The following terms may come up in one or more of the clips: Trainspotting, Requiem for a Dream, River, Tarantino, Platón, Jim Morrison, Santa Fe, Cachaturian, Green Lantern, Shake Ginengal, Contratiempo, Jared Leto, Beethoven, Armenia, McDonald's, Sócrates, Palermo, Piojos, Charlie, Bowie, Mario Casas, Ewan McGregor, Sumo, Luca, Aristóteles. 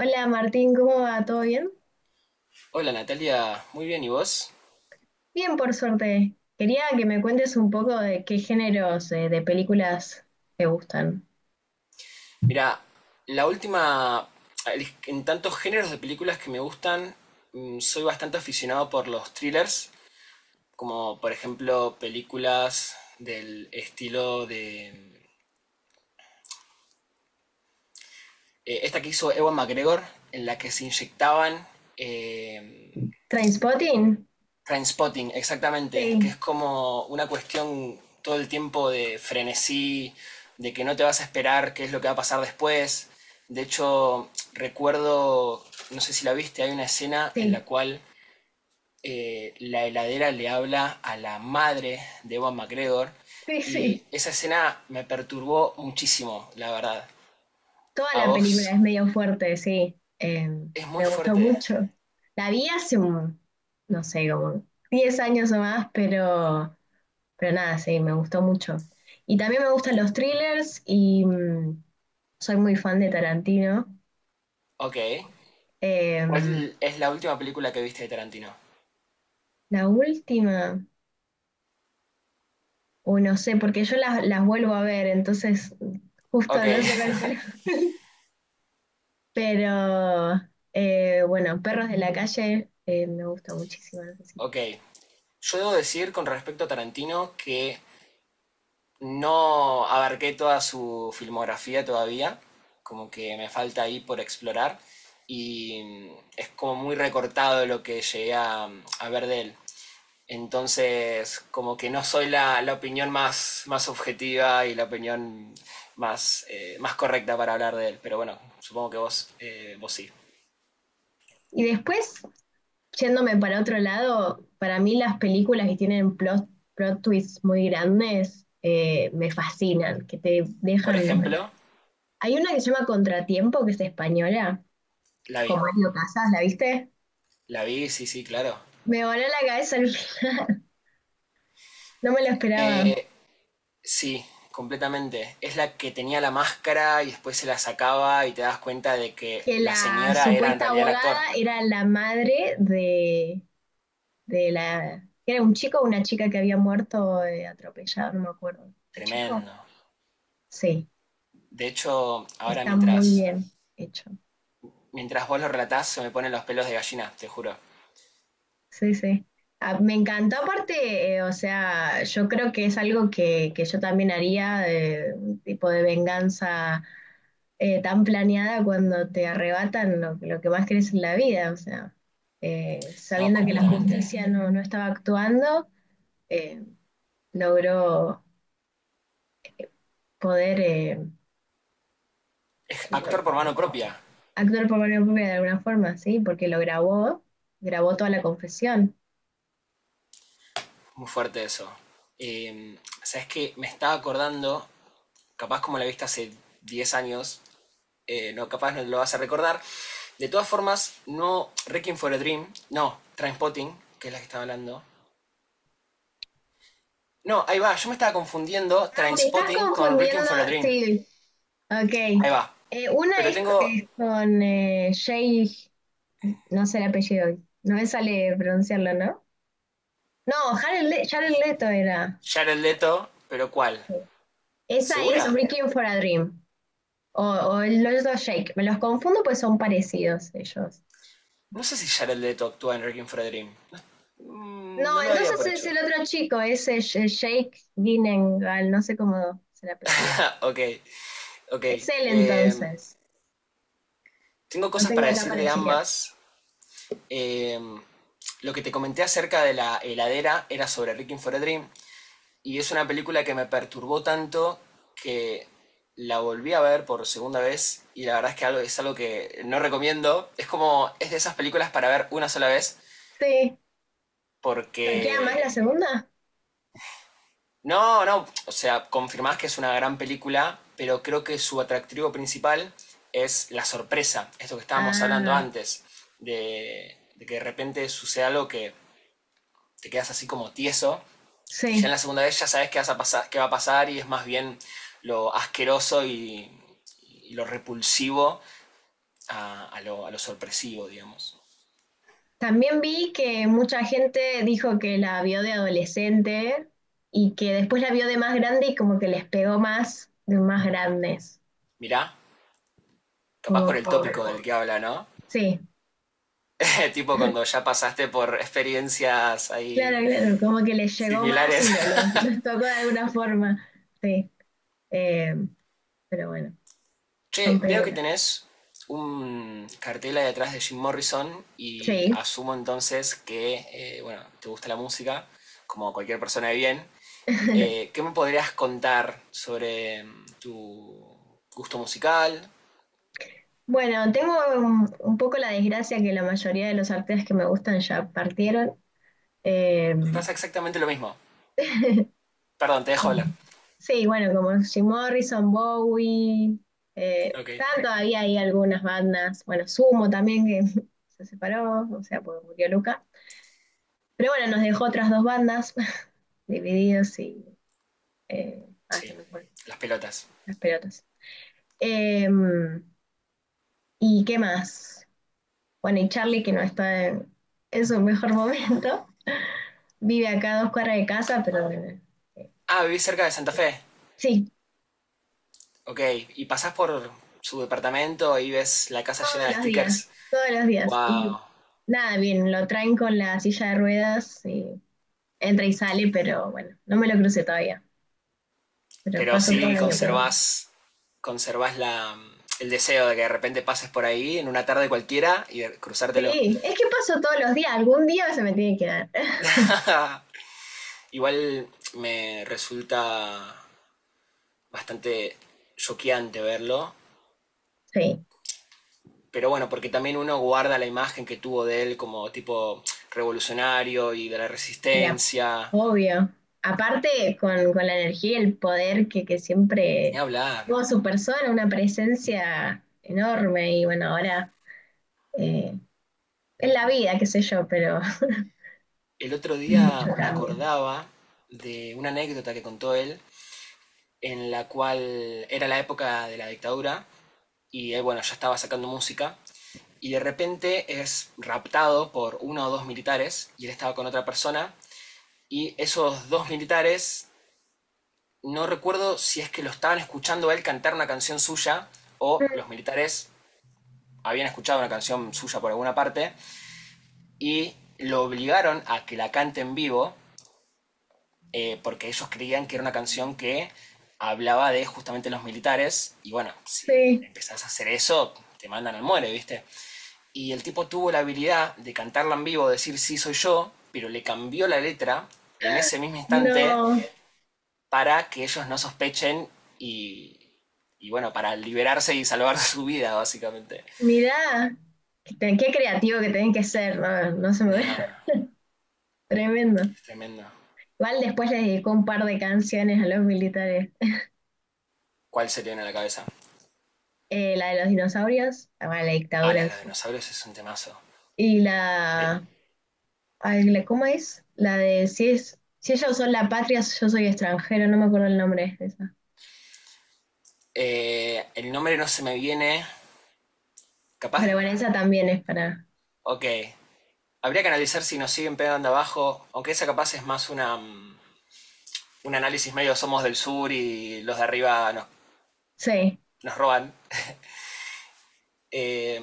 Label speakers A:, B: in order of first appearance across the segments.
A: Hola Martín, ¿cómo va? ¿Todo bien?
B: Hola Natalia, muy bien, ¿y vos?
A: Bien, por suerte. Quería que me cuentes un poco de qué géneros de películas te gustan.
B: Mira, la última, en tantos géneros de películas que me gustan, soy bastante aficionado por los thrillers, como por ejemplo películas del estilo de esta que hizo Ewan McGregor, en la que se inyectaban eh,
A: ¿Trainspotting?
B: Trainspotting, exactamente, que es
A: Sí,
B: como una cuestión todo el tiempo de frenesí, de que no te vas a esperar qué es lo que va a pasar después. De hecho, recuerdo, no sé si la viste, hay una escena en
A: sí,
B: la cual la heladera le habla a la madre de Ewan McGregor
A: sí, sí.
B: y esa escena me perturbó muchísimo, la verdad.
A: Toda
B: A
A: la
B: vos
A: película es medio fuerte, sí.
B: es muy
A: Me gustó
B: fuerte.
A: mucho. La vi hace no sé, como 10 años o más, pero nada, sí, me gustó mucho. Y también me gustan los thrillers y soy muy fan de Tarantino.
B: Ok.
A: Em,
B: ¿Cuál es la última película que viste de Tarantino?
A: la última, o no sé, porque yo las vuelvo a ver, entonces
B: Ok,
A: justo no sé cuál fue. Pero bueno, Perros de la Calle me gusta muchísimo. No sé si la
B: ok.
A: vi.
B: Yo debo decir con respecto a Tarantino que no abarqué toda su filmografía todavía, como que me falta ahí por explorar y es como muy recortado lo que llegué a ver de él. Entonces, como que no soy la opinión más objetiva y la opinión más correcta para hablar de él, pero bueno, supongo que vos sí.
A: Y después, yéndome para otro lado, para mí las películas que tienen plot twists muy grandes, me fascinan, que te
B: Por
A: dejan.
B: ejemplo,
A: Hay una que se llama Contratiempo, que es española,
B: la vi.
A: con Mario Casas, ¿la viste?
B: La vi, sí, sí, claro.
A: Me voló la cabeza al final, no me lo esperaba.
B: Eh, Sí, completamente. Es la que tenía la máscara y después se la sacaba y te das cuenta de que
A: Que
B: la
A: la
B: señora era en
A: supuesta
B: realidad el
A: abogada
B: actor.
A: era la madre de la. ¿Era un chico o una chica que había muerto atropellado? No me acuerdo. ¿Un chico?
B: Tremendo.
A: Sí,
B: De hecho, ahora
A: está muy
B: mientras,
A: bien hecho.
B: mientras vos lo relatás se me ponen los pelos de gallina, te juro.
A: Sí, sí. Ah, me encantó aparte, o sea, yo creo que es algo que yo también haría, un tipo de venganza tan planeada cuando te arrebatan lo que más querés en la vida, o sea,
B: No,
A: sabiendo que la
B: completamente.
A: justicia no estaba actuando, eh, logró poder
B: Actor por mano propia.
A: actuar por mano propia de alguna forma, ¿sí? Porque lo grabó, grabó toda la confesión.
B: Muy fuerte eso. Sabes que me estaba acordando, capaz como la viste hace 10 años, no, capaz no lo vas a recordar. De todas formas, no Requiem for a Dream, no, Trainspotting, que es la que estaba hablando. No, ahí va. Yo me estaba confundiendo
A: Ah, te estás
B: Trainspotting con
A: confundiendo,
B: Requiem for a Dream.
A: sí, ok.
B: Ahí va.
A: Una
B: Pero
A: es,
B: tengo
A: es con Jay, no sé el apellido, no me sale pronunciarlo, ¿no? No, Jared, Jared Leto era.
B: Jared Leto, pero ¿cuál?
A: Esa es
B: ¿Segura?
A: Requiem for a Dream o el otro Shake. Me los confundo pues son parecidos ellos.
B: No sé si Jared Leto actúa en Requiem for a Dream.
A: No,
B: No lo daría
A: entonces
B: por
A: es
B: hecho.
A: el otro chico, es el Shake Ginengal, no sé cómo es el apellido.
B: ok, ok.
A: Es él
B: Eh,
A: entonces.
B: tengo
A: Lo
B: cosas
A: tengo
B: para
A: acá
B: decir
A: para
B: de
A: chequear.
B: ambas. Eh, lo que te comenté acerca de la heladera era sobre Requiem for a Dream. Y es una película que me perturbó tanto que la volví a ver por segunda vez y la verdad es que es algo que no recomiendo. Es de esas películas para ver una sola vez
A: Sí. ¿Choquea más la
B: porque.
A: segunda?
B: No, no, o sea, confirmás que es una gran película, pero creo que su atractivo principal es la sorpresa, esto que estábamos hablando
A: Ah,
B: antes, de que de repente suceda algo que te quedas así como tieso. Y ya en
A: sí.
B: la segunda vez ya sabes qué va a pasar y es más bien lo asqueroso y lo repulsivo a lo sorpresivo, digamos.
A: También vi que mucha gente dijo que la vio de adolescente y que después la vio de más grande y como que les pegó más de más grandes.
B: Mirá, capaz
A: Como
B: por el
A: que,
B: tópico del que habla, ¿no?
A: sí.
B: Tipo cuando ya pasaste por experiencias
A: Claro,
B: ahí
A: claro, como que les llegó más y
B: similares.
A: no, los tocó de alguna forma. Sí, eh, pero bueno, son
B: Che, veo que
A: películas.
B: tenés un cartel ahí atrás de Jim Morrison y
A: Sí.
B: asumo entonces que, bueno, te gusta la música, como cualquier persona de bien. ¿Qué me podrías contar sobre tu gusto musical?
A: Bueno, tengo un poco la desgracia que la mayoría de los artistas que me gustan ya partieron. Eh,
B: Me pasa exactamente lo mismo. Perdón, te dejo hablar.
A: sí, bueno, como Jim Morrison, Bowie,
B: Ok.
A: están todavía ahí algunas bandas. Bueno, Sumo también, que se separó, o sea, porque murió Luca. Pero bueno, nos dejó otras dos bandas divididos y se
B: Sí,
A: me fue.
B: las pelotas.
A: Las pelotas. Em, ¿Y qué más? Bueno, y Charlie, que no está en su mejor momento, vive acá a dos cuadras de casa, pero bueno, eh,
B: Ah, vivís cerca de Santa Fe.
A: sí,
B: Ok. Y pasás por su departamento y ves la casa llena
A: todos
B: de
A: los días,
B: stickers.
A: todos los días. Y
B: Wow.
A: nada, bien, lo traen con la silla de ruedas y entra y sale, pero bueno, no me lo crucé todavía, pero
B: Pero
A: paso todos
B: sí
A: los días por ahí.
B: conservás el deseo de que de repente pases por ahí en una tarde cualquiera y de cruzártelo.
A: Sí, es que paso todos los días, algún día se me tiene que dar.
B: Igual me resulta bastante choqueante verlo.
A: Sí,
B: Pero bueno, porque también uno guarda la imagen que tuvo de él como tipo revolucionario y de la
A: ya.
B: resistencia.
A: Obvio. Aparte, con la energía y el poder que
B: Ni
A: siempre
B: hablar.
A: tuvo su persona, una presencia enorme. Y bueno, ahora eh, es la vida, qué sé yo, pero
B: El otro día
A: mucho
B: me
A: cambio.
B: acordaba de una anécdota que contó él, en la cual era la época de la dictadura y él, bueno, ya estaba sacando música y de repente es raptado por uno o dos militares y él estaba con otra persona y esos dos militares no recuerdo si es que lo estaban escuchando a él cantar una canción suya o los
A: Mm,
B: militares habían escuchado una canción suya por alguna parte y lo obligaron a que la cante en vivo porque ellos creían que era una canción que hablaba de justamente los militares y bueno, si
A: sí,
B: empezás a hacer eso te mandan al muere, ¿viste? Y el tipo tuvo la habilidad de cantarla en vivo, decir sí soy yo, pero le cambió la letra en ese mismo instante
A: no.
B: para que ellos no sospechen y, y bueno, para liberarse y salvar su vida, básicamente.
A: Mirá, qué creativo que tenés que ser, no, no se me ve.
B: Nah,
A: Tremendo.
B: es tremendo.
A: Igual después les dedicó un par de canciones a los militares.
B: ¿Cuál se le viene a la cabeza?
A: La de los dinosaurios, ah, bueno, la
B: Ah,
A: dictadura
B: la de
A: en
B: los
A: sí.
B: dinosaurios es un temazo.
A: Y
B: De-
A: la ay, ¿cómo es? La de si es, si ellos son la patria, yo soy extranjero, no me acuerdo el nombre de esa.
B: el nombre no se me viene. ¿Capaz?
A: Pero bueno, esa también es para.
B: Ok. Habría que analizar si nos siguen pegando abajo, aunque esa capaz es más un análisis medio somos del sur y los de arriba nos,
A: Sí.
B: nos roban. Eh,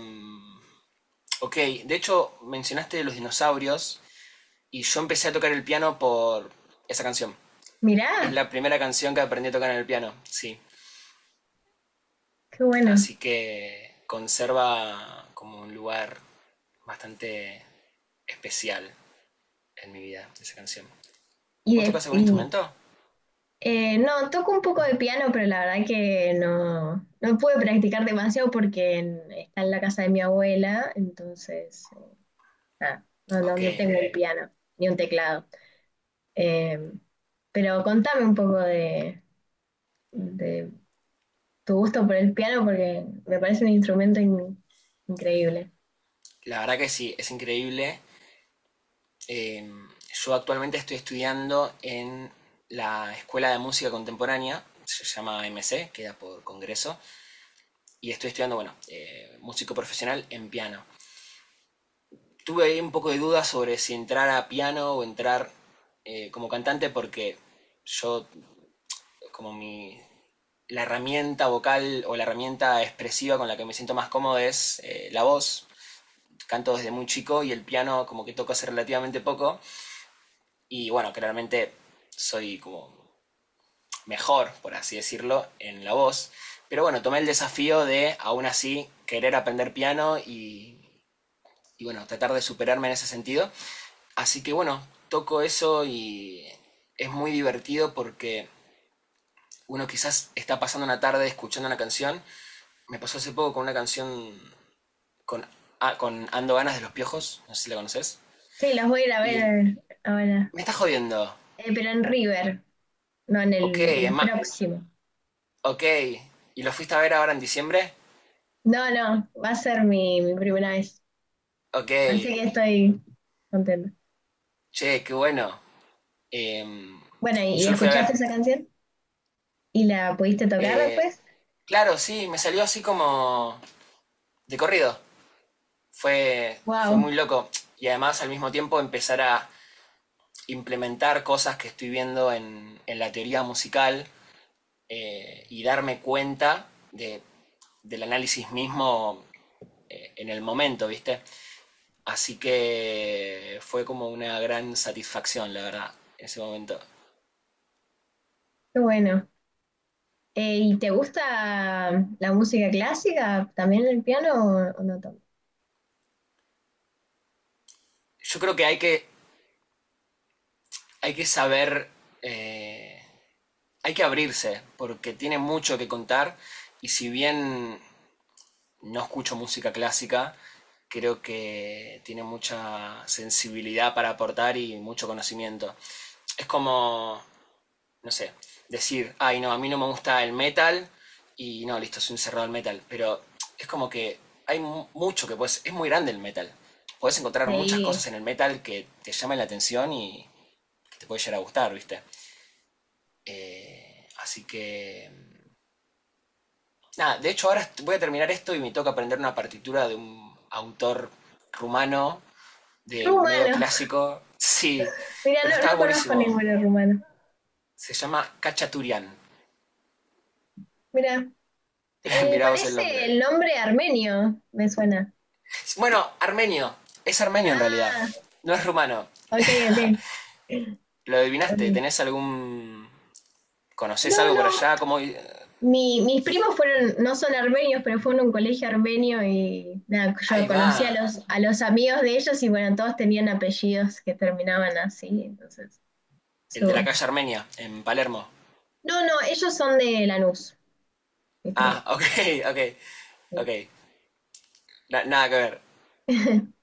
B: ok, de hecho mencionaste los dinosaurios. Y yo empecé a tocar el piano por esa canción. Es
A: Mirá,
B: la primera canción que aprendí a tocar en el piano, sí.
A: qué bueno.
B: Así que conserva como un lugar bastante especial en mi vida esa canción.
A: Y,
B: ¿Vos
A: de-
B: tocas algún
A: y,
B: instrumento?
A: no, toco un poco de piano, pero la verdad que no pude practicar demasiado porque está en la casa de mi abuela, entonces nada, no, no, no
B: Ok.
A: tengo un piano ni un teclado. Eh, pero contame un poco de tu gusto por el piano porque me parece un instrumento increíble.
B: La verdad que sí, es increíble. Eh, yo actualmente estoy estudiando en la Escuela de Música Contemporánea, se llama M C queda por Congreso, y estoy estudiando, bueno, músico profesional en piano. Tuve ahí un poco de dudas sobre si entrar a piano o entrar como cantante porque yo como mi la herramienta vocal o la herramienta expresiva con la que me siento más cómodo es la voz. Canto desde muy chico y el piano como que toco hace relativamente poco y bueno, claramente soy como mejor, por así decirlo, en la voz. Pero bueno, tomé el desafío de aún así querer aprender piano y bueno, tratar de superarme en ese sentido. Así que bueno, toco eso y es muy divertido porque uno quizás está pasando una tarde escuchando una canción. Me pasó hace poco con una canción con, con Ando Ganas de los Piojos, no sé si la conoces.
A: Sí, los voy a ir a
B: Y
A: ver ahora.
B: me está jodiendo.
A: Pero en River, no en
B: Ok,
A: el,
B: es
A: el
B: más,
A: próximo.
B: ok. ¿Y lo fuiste a ver ahora en diciembre?
A: No, no, va a ser mi primera vez.
B: Ok,
A: Así que estoy contenta.
B: che, qué bueno. Em,
A: Bueno, ¿y
B: yo lo fui a
A: escuchaste
B: ver.
A: esa canción? ¿Y la pudiste tocar
B: Eh,
A: después?
B: claro, sí, me salió así como de corrido. Fue
A: ¡Wow!
B: muy loco. Y además al mismo tiempo empezar a implementar cosas que estoy viendo en la teoría musical y darme cuenta del análisis mismo en el momento, ¿viste? Así que fue como una gran satisfacción, la verdad, ese momento.
A: ¡Qué bueno! ¿Y te gusta la música clásica? ¿También el piano o no tanto?
B: Yo creo que hay que saber, eh, hay que abrirse, porque tiene mucho que contar y si bien no escucho música clásica, creo que tiene mucha sensibilidad para aportar y mucho conocimiento. Es como, no sé, decir, ay, no, a mí no me gusta el metal y no, listo, soy un cerrado al metal, pero es como que hay mucho que puedes, es muy grande el metal. Puedes encontrar muchas
A: Sí,
B: cosas en el metal que te llamen la atención y que te puede llegar a gustar, ¿viste? Así que nada, de hecho ahora voy a terminar esto y me toca aprender una partitura de un autor rumano, de medio
A: rumano.
B: clásico. Sí,
A: Mira,
B: pero
A: no,
B: estaba
A: no conozco
B: buenísimo.
A: ninguno rumano.
B: Se llama Cachaturian.
A: Mira.
B: Mirá vos el
A: Parece el
B: nombre.
A: nombre armenio, me suena.
B: Bueno, armenio. Es armenio en realidad.
A: Ah,
B: No es rumano.
A: ok, ok.
B: ¿Lo adivinaste?
A: Ok.
B: ¿Tenés algún?
A: No,
B: ¿Conocés algo por
A: no.
B: allá? ¿Cómo?
A: Mis primos fueron, no son armenios, pero fueron a un colegio armenio y nada,
B: Ahí
A: yo
B: va.
A: conocí a los amigos de ellos y bueno, todos tenían apellidos que terminaban así, entonces.
B: El de la
A: so-
B: calle Armenia, en Palermo.
A: No, no, ellos son de Lanús, mis primos.
B: Ah, ok, ok,
A: Sí.
B: ok. Nada que ver.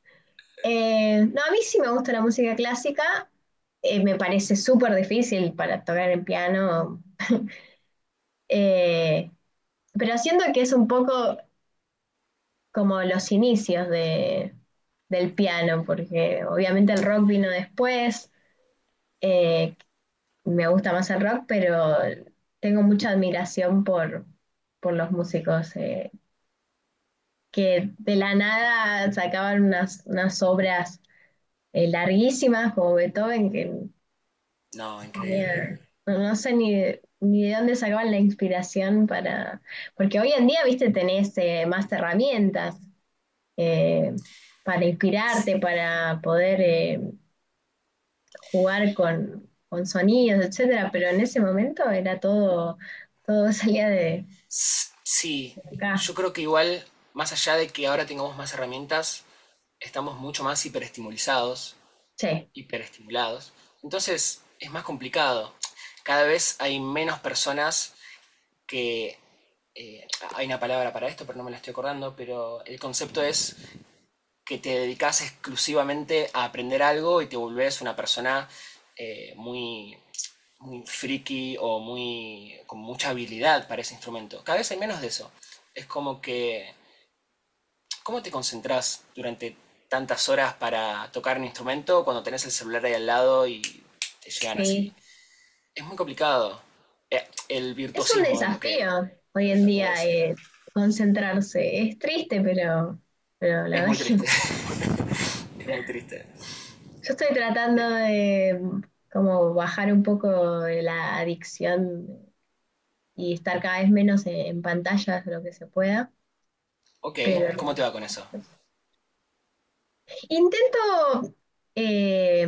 A: No, a mí sí me gusta la música clásica. Me parece súper difícil para tocar el piano. eh, Pero siento que es un poco como los inicios del piano, porque obviamente el rock vino después, eh, me gusta más el rock, pero tengo mucha admiración por los músicos que de la nada sacaban unas obras larguísimas como Beethoven, que
B: No, increíble.
A: tenía- no, no sé ni de dónde sacaban la inspiración para. Porque hoy en día, viste, tenés más herramientas. eh, para inspirarte, para poder jugar con sonidos, etcétera, pero en ese momento era todo, todo salía de
B: Sí,
A: acá.
B: yo creo que igual, más allá de que ahora tengamos más herramientas, estamos mucho más
A: Sí,
B: hiperestimulados. Entonces es más complicado. Cada vez hay menos personas que... eh, hay una palabra para esto, pero no me la estoy acordando, pero el concepto es que te dedicas exclusivamente a aprender algo y te volvés una persona muy muy friki o muy con mucha habilidad para ese instrumento. Cada vez hay menos de eso. Es como que, ¿cómo te concentras durante tantas horas para tocar un instrumento cuando tenés el celular ahí al lado y te llegan así?
A: sí.
B: Es muy complicado. El
A: Es un
B: virtuosismo es lo que
A: desafío
B: está
A: hoy en
B: tratando de
A: día
B: decir.
A: concentrarse. Es triste, pero la
B: Es
A: verdad
B: muy
A: es que yo
B: triste, es muy triste.
A: estoy tratando
B: Eh,
A: de como bajar un poco la adicción y estar cada vez menos en pantallas lo que se pueda,
B: Ok,
A: pero
B: ¿cómo te va con eso?
A: intento eh,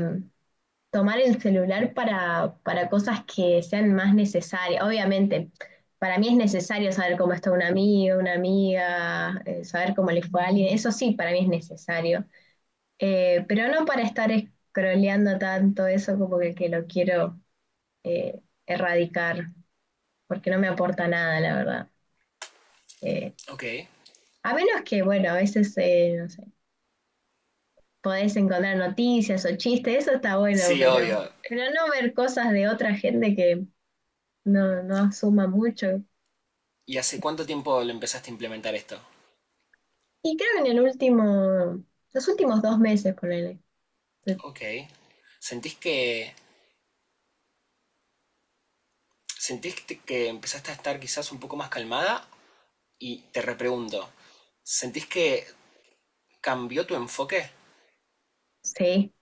A: tomar el celular para cosas que sean más necesarias. Obviamente, para mí es necesario saber cómo está un amigo, una amiga, saber cómo le fue a alguien. Eso sí, para mí es necesario. Pero no para estar scrolleando tanto eso como que lo quiero erradicar, porque no me aporta nada, la verdad. Eh,
B: Ok,
A: a menos que, bueno, a veces, no sé, podés encontrar noticias o chistes, eso está bueno,
B: sí,
A: pero,
B: obvio.
A: pero no ver cosas de otra gente que no asuma mucho.
B: ¿Y hace cuánto tiempo lo empezaste a implementar esto?
A: Y creo que en el último, los últimos 2 meses, ponele.
B: Ok, ¿sentís que ¿Sentís que empezaste a estar quizás un poco más calmada? Y te repregunto, ¿sentís que cambió tu enfoque?
A: Sí,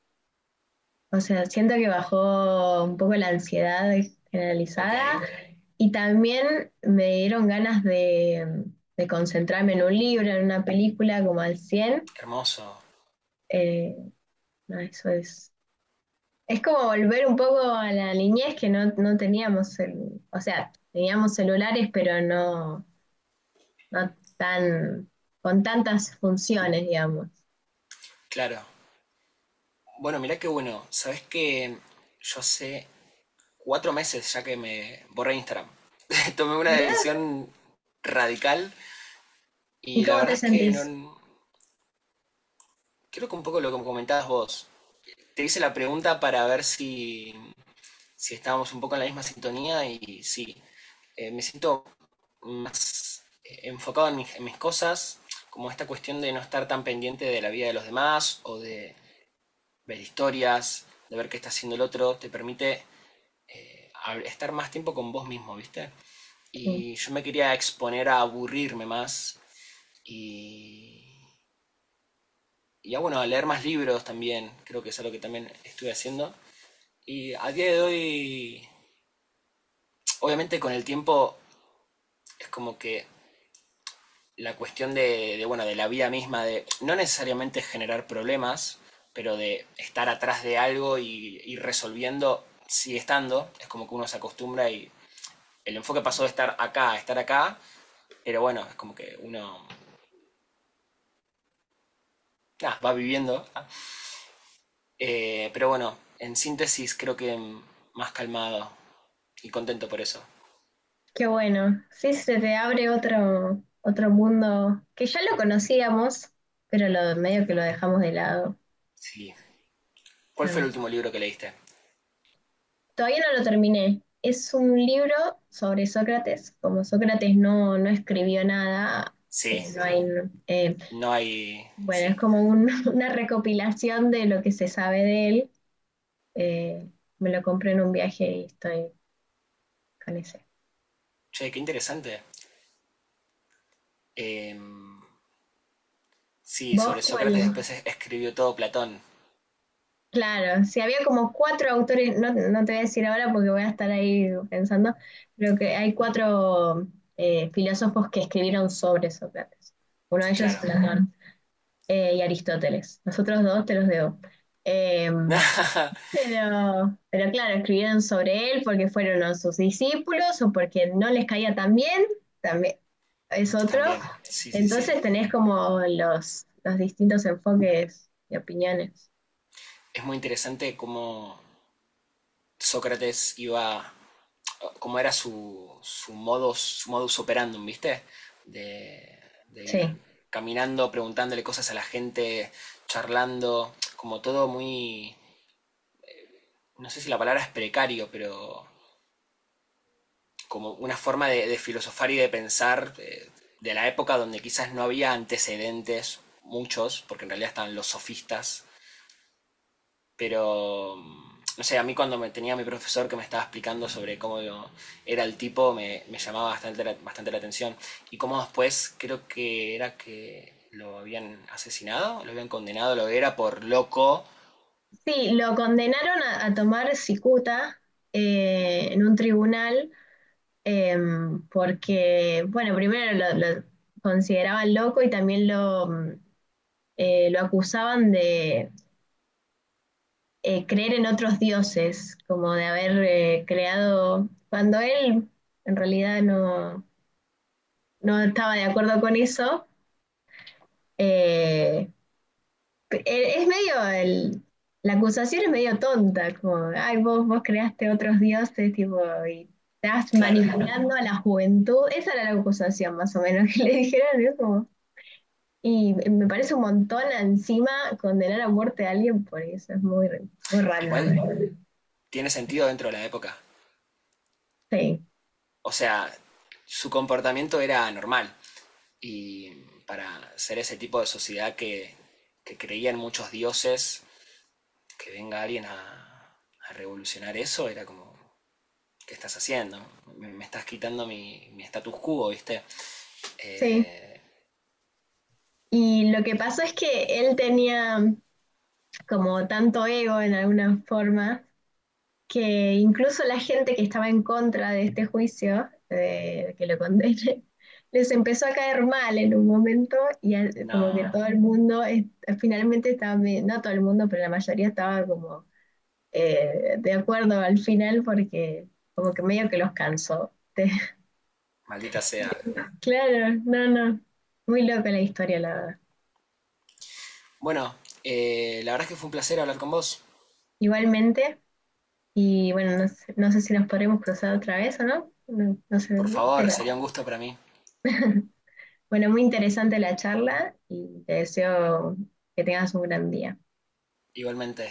A: o sea, siento que bajó un poco la ansiedad
B: Ok,
A: generalizada y también me dieron ganas de concentrarme en un libro, en una película, como al cien.
B: hermoso,
A: Eh, no, eso es. Es como volver un poco a la niñez que no, no teníamos, o sea, teníamos celulares, pero no tan, con tantas funciones, digamos.
B: claro. Bueno, mirá qué bueno. Sabés que yo hace 4 meses ya que me borré Instagram. Tomé una
A: Mirá,
B: decisión radical
A: ¿y
B: y la
A: cómo te
B: verdad es que
A: sentís?
B: no. Creo que un poco lo que comentabas vos. Te hice la pregunta para ver si estábamos un poco en la misma sintonía y sí, me siento más enfocado en mis cosas, como esta cuestión de no estar tan pendiente de la vida de los demás o de ver historias, de ver qué está haciendo el otro, te permite eh, estar más tiempo con vos mismo, ¿viste?
A: Sí,
B: Y yo me quería exponer a aburrirme más y, y a, bueno, a leer más libros también, creo que es algo que también estuve haciendo. Y a día de hoy, obviamente con el tiempo es como que la cuestión bueno, de la vida misma, de no necesariamente generar problemas, pero de estar atrás de algo y ir resolviendo, sigue estando, es como que uno se acostumbra y el enfoque pasó de estar acá a estar acá, pero bueno, es como que uno nah, va viviendo. Pero bueno, en síntesis creo que más calmado y contento por eso.
A: qué bueno. Sí, se te abre otro mundo que ya lo conocíamos, pero lo, medio que lo dejamos de lado.
B: Sí. ¿Cuál
A: A
B: fue el
A: mí.
B: último libro que leíste?
A: Todavía no lo terminé. Es un libro sobre Sócrates. Como Sócrates no escribió nada,
B: Sí,
A: no hay, eh,
B: no hay.
A: bueno, es
B: Sí.
A: como una recopilación de lo que se sabe de él. Eh, Me lo compré en un viaje y estoy con ese.
B: Che, qué interesante. Eh, Sí,
A: ¿Vos
B: sobre Sócrates
A: cuál?
B: después escribió todo Platón,
A: Claro, si había como cuatro autores, no te voy a decir ahora porque voy a estar ahí pensando, pero que hay cuatro filósofos que escribieron sobre Sócrates. Uno de ellos es
B: claro.
A: Platón y Aristóteles. Los otros dos te los debo. Em, pero, claro, escribieron sobre él porque fueron a sus discípulos o porque no les caía tan bien, también es otro.
B: También, sí, sí, sí.
A: Entonces tenés como los distintos enfoques y opiniones.
B: Es muy interesante cómo Sócrates iba, cómo era su modus operandum, ¿viste? De, de
A: Sí.
B: ir caminando, preguntándole cosas a la gente, charlando, como todo muy, no sé si la palabra es precario, pero como una forma de filosofar y de pensar de la época donde quizás no había antecedentes, muchos, porque en realidad estaban los sofistas, pero no sé, a mí cuando me tenía mi profesor que me estaba explicando sobre cómo era el tipo, me llamaba bastante la atención. Y cómo después creo que era que lo habían asesinado, lo habían condenado, lo era por loco.
A: Sí, lo condenaron a tomar cicuta en un tribunal eh, porque, bueno, primero lo consideraban loco y también lo acusaban de creer en otros dioses, como de haber creado, cuando él en realidad no estaba de acuerdo con eso, eh, e, es medio, la acusación es medio tonta, como, ay, vos creaste otros dioses, tipo, y estás
B: Claro,
A: manipulando a la juventud, esa era la acusación más o menos que le dijeron, ¿no? como, y me parece un montón encima condenar a muerte a alguien por eso, es muy, muy random.
B: igual tiene sentido dentro de la época.
A: Sí,
B: O sea, su comportamiento era anormal. Y para ser ese tipo de sociedad que creía en muchos dioses, que venga alguien a revolucionar eso, era como, ¿qué estás haciendo? Me estás quitando mi status quo, ¿viste?
A: sí,
B: Eh,
A: y lo que pasó es que él tenía como tanto ego en alguna forma que incluso la gente que estaba en contra de este juicio, de que lo condenen, les empezó a caer mal en un momento y como que
B: no,
A: todo el mundo finalmente estaba, no todo el mundo, pero la mayoría estaba como de acuerdo al final porque como que medio que los cansó.
B: maldita sea.
A: Claro, no, no, muy loca la historia, la verdad.
B: Bueno, la verdad es que fue un placer hablar con vos.
A: Igualmente. Y bueno, no sé, no sé si nos podremos cruzar otra vez o no. No, no sé,
B: Por favor,
A: pero
B: sería un gusto para mí.
A: bueno, muy interesante la charla y te deseo que tengas un gran día.
B: Igualmente,